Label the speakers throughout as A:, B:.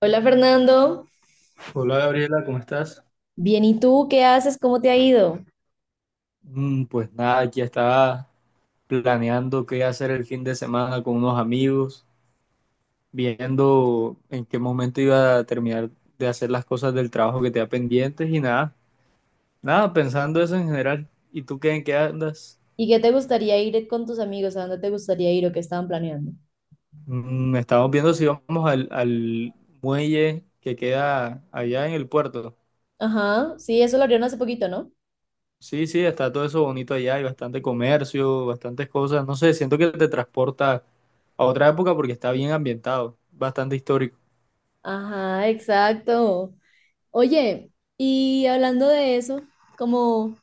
A: Hola Fernando,
B: Hola Gabriela, ¿cómo estás?
A: bien, ¿y tú qué haces? ¿Cómo te ha ido?
B: Pues nada, aquí estaba planeando qué hacer el fin de semana con unos amigos, viendo en qué momento iba a terminar de hacer las cosas del trabajo que tenía pendientes y nada, nada, pensando eso en general. ¿Y tú qué en qué andas?
A: ¿Y qué te gustaría ir con tus amigos? ¿A dónde te gustaría ir o qué estaban planeando?
B: Estamos viendo si vamos al muelle que queda allá en el puerto.
A: Ajá, sí, eso lo abrieron hace poquito, ¿no?
B: Sí, sí, está todo eso bonito allá, hay bastante comercio, bastantes cosas. No sé, siento que te transporta a otra época porque está bien ambientado, bastante histórico.
A: Ajá, exacto. Oye, y hablando de eso, como,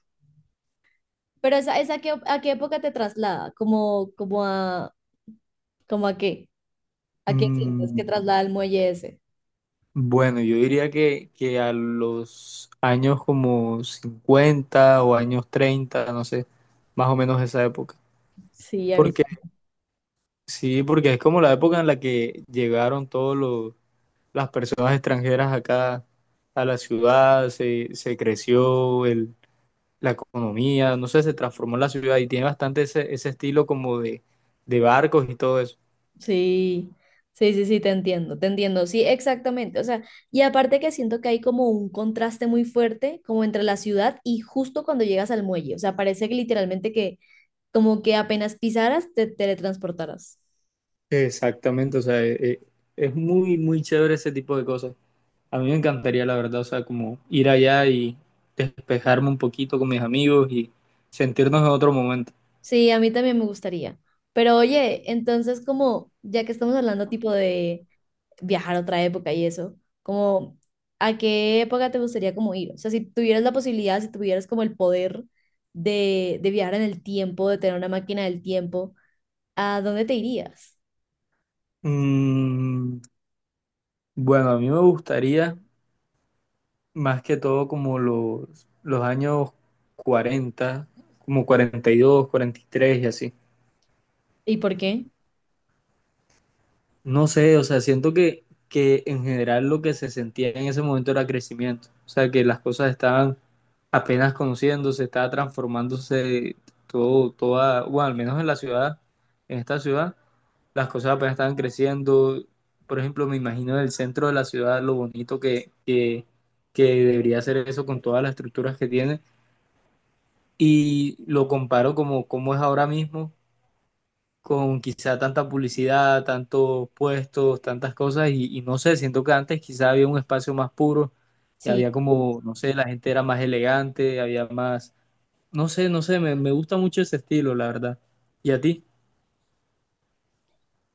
A: pero a qué época te traslada, como, como a, como a qué sientes
B: Mm,
A: que traslada el muelle ese.
B: bueno, yo diría que a los años como 50 o años 30, no sé, más o menos esa época.
A: Sí, a mí
B: Porque sí, porque es como la época en la que llegaron todas las personas extranjeras acá a la ciudad, se creció la economía, no sé, se transformó la ciudad y tiene bastante ese estilo como de barcos y todo eso.
A: Sí, sí te entiendo, sí, exactamente. O sea, y aparte que siento que hay como un contraste muy fuerte como entre la ciudad y justo cuando llegas al muelle. O sea, parece que literalmente que como que apenas pisaras te teletransportaras.
B: Exactamente, o sea, es muy, muy chévere ese tipo de cosas. A mí me encantaría, la verdad, o sea, como ir allá y despejarme un poquito con mis amigos y sentirnos en otro momento.
A: Sí, a mí también me gustaría. Pero oye, entonces como ya que estamos hablando tipo de viajar a otra época y eso, como a qué época te gustaría como ir, o sea, si tuvieras la posibilidad, si tuvieras como el poder de viajar en el tiempo, de tener una máquina del tiempo, ¿a dónde te irías?
B: Mm, bueno, a mí me gustaría más que todo como los años 40, como 40, 42, 43 y así.
A: ¿Y por qué?
B: No sé, o sea, siento que en general lo que se sentía en ese momento era crecimiento, o sea, que las cosas estaban apenas conociéndose, estaba transformándose todo, toda, bueno, al menos en la ciudad, en esta ciudad, las cosas apenas estaban creciendo. Por ejemplo, me imagino el centro de la ciudad, lo bonito que debería ser eso con todas las estructuras que tiene, y lo comparo como, como es ahora mismo con quizá tanta publicidad, tantos puestos, tantas cosas, y no sé, siento que antes quizá había un espacio más puro y
A: Sí,
B: había como, no sé, la gente era más elegante, había más, no sé, no sé, me gusta mucho ese estilo, la verdad. ¿Y a ti?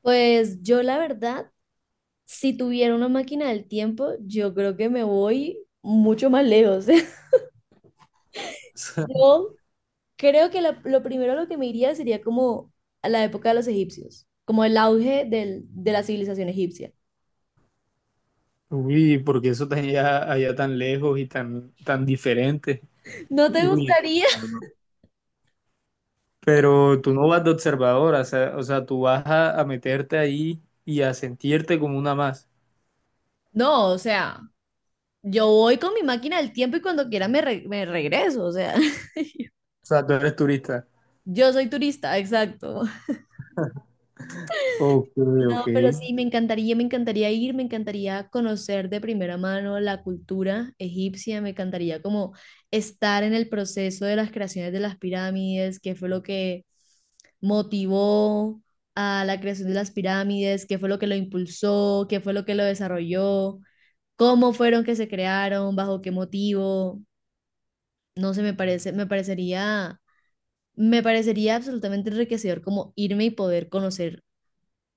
A: pues yo la verdad, si tuviera una máquina del tiempo, yo creo que me voy mucho más lejos. Yo creo que lo primero a lo que me iría sería como a la época de los egipcios, como el auge de la civilización egipcia.
B: Uy, porque eso tan allá, allá tan lejos y tan, tan diferente.
A: ¿No te
B: Uy,
A: gustaría?
B: no, no, no, no. Pero tú no vas de observadora, o sea, tú vas a meterte ahí y a sentirte como una más.
A: No, o sea, yo voy con mi máquina del tiempo y cuando quiera me, me regreso, o sea,
B: O sea, tú eres turista.
A: yo soy turista, exacto.
B: Ok, ok.
A: No, pero sí, me encantaría ir, me encantaría conocer de primera mano la cultura egipcia, me encantaría como estar en el proceso de las creaciones de las pirámides, qué fue lo que motivó a la creación de las pirámides, qué fue lo que lo impulsó, qué fue lo que lo desarrolló, cómo fueron que se crearon, bajo qué motivo. No sé, me parece, me parecería absolutamente enriquecedor como irme y poder conocer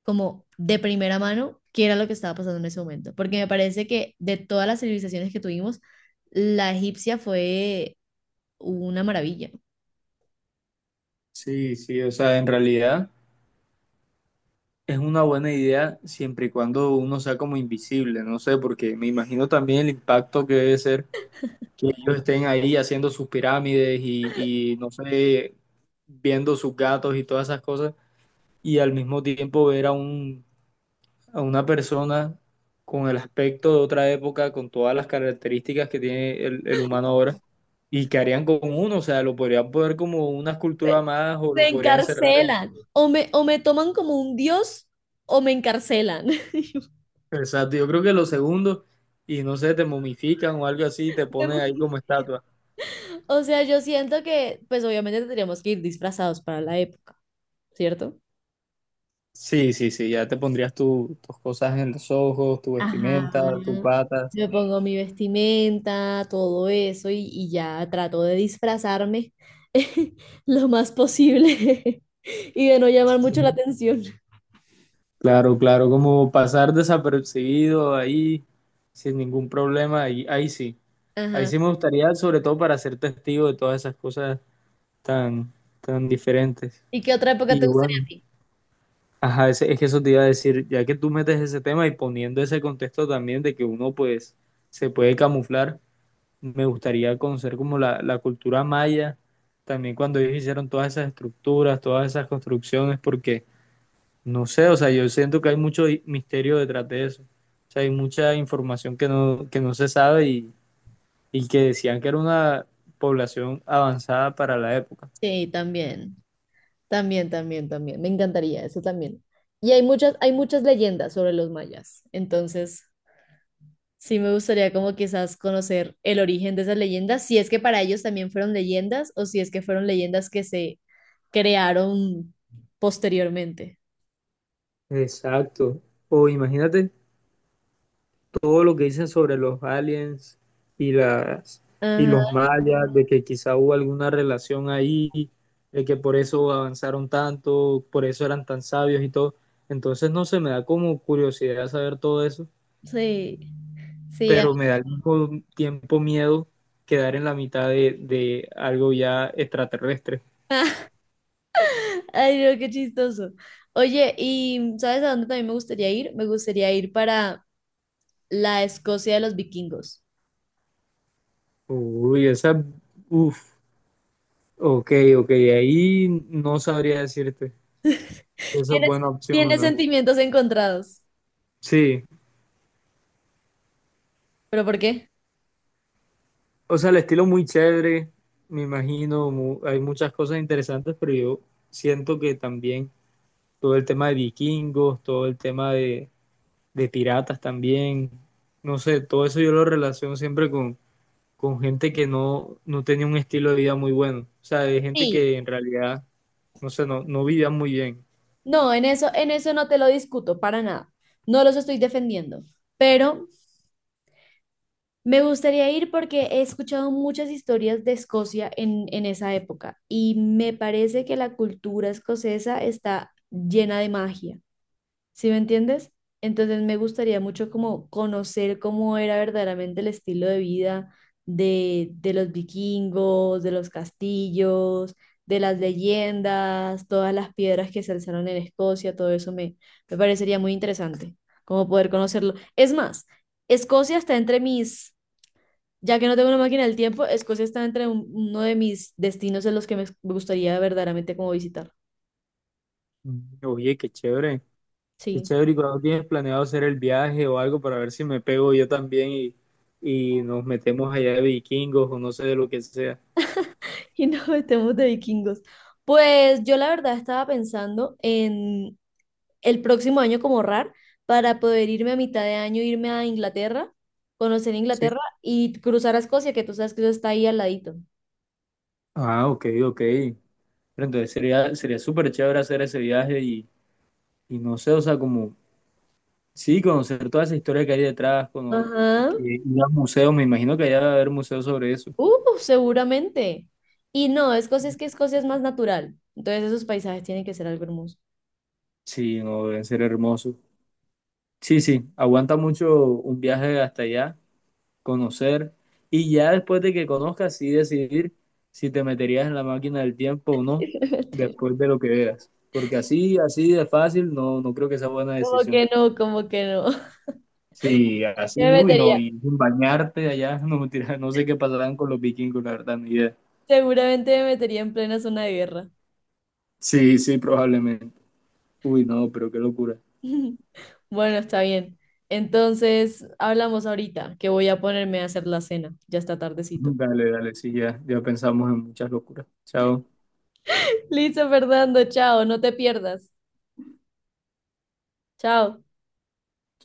A: como de primera mano qué era lo que estaba pasando en ese momento, porque me parece que de todas las civilizaciones que tuvimos, la egipcia fue una maravilla.
B: Sí, sí, o sea, en realidad es una buena idea siempre y cuando uno sea como invisible, no sé, porque me imagino también el impacto que debe ser que ellos estén ahí haciendo sus pirámides y no sé, viendo sus gatos y todas esas cosas, y al mismo tiempo ver a un, a una persona con el aspecto de otra época, con todas las características que tiene el humano ahora, y que harían con uno, o sea, lo podrían poner como una
A: Me
B: escultura más o
A: me
B: lo podrían encerrar.
A: encarcelan. O me toman como un dios o me encarcelan.
B: Exacto, yo creo que lo segundo, y no sé, te momifican o algo así, te ponen ahí como estatua.
A: O sea, yo siento que, pues obviamente tendríamos que ir disfrazados para la época, ¿cierto?
B: Sí, sí, sí, ya te pondrías tus cosas en los ojos, tu
A: Ajá,
B: vestimenta, tus patas.
A: me pongo mi vestimenta, todo eso, y ya trato de disfrazarme lo más posible y de no llamar mucho la atención.
B: Claro, claro, como pasar desapercibido ahí sin ningún problema, ahí, ahí sí. Ahí
A: Ajá.
B: sí me gustaría, sobre todo para ser testigo de todas esas cosas tan, tan diferentes.
A: ¿Y qué otra época te
B: Y
A: gustaría a
B: bueno.
A: ti?
B: Ajá, es que eso te iba a decir, ya que tú metes ese tema y poniendo ese contexto también de que uno pues se puede camuflar, me gustaría conocer como la cultura maya, también cuando ellos hicieron todas esas estructuras, todas esas construcciones, porque no sé, o sea, yo siento que hay mucho misterio detrás de eso, o sea, hay mucha información que no se sabe y que decían que era una población avanzada para la época.
A: Sí, también, también, también, también. Me encantaría eso también. Y hay muchas leyendas sobre los mayas, entonces sí me gustaría como quizás conocer el origen de esas leyendas, si es que para ellos también fueron leyendas o si es que fueron leyendas que se crearon posteriormente.
B: Exacto. O imagínate todo lo que dicen sobre los aliens y las y
A: Ajá,
B: los mayas, de que quizá hubo alguna relación ahí, de que por eso avanzaron tanto, por eso eran tan sabios y todo. Entonces no se me da como curiosidad saber todo eso,
A: sí, sí, ajá.
B: pero me da al mismo tiempo miedo quedar en la mitad de algo ya extraterrestre.
A: Ay, no, qué chistoso. Oye, ¿y sabes a dónde también me gustaría ir? Me gustaría ir para la Escocia de los vikingos.
B: Uy, esa, uff, ok, ok, ahí no sabría decirte. Esa es
A: Tienes,
B: buena opción,
A: tienes
B: ¿no?
A: sentimientos encontrados.
B: Sí.
A: ¿Pero por qué?
B: O sea, el estilo muy chévere, me imagino, hay muchas cosas interesantes, pero yo siento que también todo el tema de vikingos, todo el tema de piratas también, no sé, todo eso yo lo relaciono siempre con gente que no, no tenía un estilo de vida muy bueno. O sea, de gente
A: Sí,
B: que en realidad, no sé, no, no vivía muy bien.
A: no, en eso no te lo discuto para nada. No los estoy defendiendo, pero me gustaría ir porque he escuchado muchas historias de Escocia en esa época y me parece que la cultura escocesa está llena de magia. ¿Sí me entiendes? Entonces me gustaría mucho como conocer cómo era verdaderamente el estilo de vida de los vikingos, de los castillos, de las leyendas, todas las piedras que se alzaron en Escocia, todo eso me, me parecería muy interesante, como poder conocerlo. Es más, Escocia está entre mis, ya que no tengo una máquina del tiempo, Escocia está entre uno de mis destinos en los que me gustaría verdaderamente como visitar.
B: Mm. Oye, qué chévere. Qué
A: Sí.
B: chévere, ¿y cuando tienes planeado hacer el viaje o algo para ver si me pego yo también y nos metemos allá de vikingos o no sé de lo que sea?
A: Y nos metemos de vikingos. Pues yo la verdad estaba pensando en el próximo año como ahorrar para poder irme a mitad de año, irme a Inglaterra, conocer
B: Sí.
A: Inglaterra y cruzar a Escocia, que tú sabes que eso está ahí al ladito.
B: Ah, ok, ok. Pero entonces sería, sería súper chévere hacer ese viaje y no sé, o sea, como, sí, conocer toda esa historia que hay detrás,
A: Ajá.
B: que ir a museos, me imagino que allá debe haber museos sobre eso.
A: Seguramente. Y no, Escocia es que Escocia es más natural. Entonces esos paisajes tienen que ser algo hermoso.
B: Sí, no, deben ser hermosos. Sí, sí, aguanta mucho un viaje hasta allá, conocer, y ya después de que conozcas, sí decidir si te meterías en la máquina del tiempo o no,
A: Me metería.
B: después de lo que veas. Porque así, así de fácil, no, no creo que sea buena
A: Como
B: decisión.
A: que no, como que no.
B: Sí,
A: Me
B: así, uy, no,
A: metería,
B: y sin bañarte allá, no, mentira, no sé qué pasarán con los vikingos, la verdad, ni idea.
A: seguramente me metería en plena zona de guerra.
B: Sí, sí, probablemente. Uy, no, pero qué locura.
A: Bueno, está bien. Entonces, hablamos ahorita, que voy a ponerme a hacer la cena. Ya está tardecito.
B: Dale, dale, sí, ya, ya pensamos en muchas locuras. Chao.
A: Listo, Fernando, chao, no te pierdas. Chao.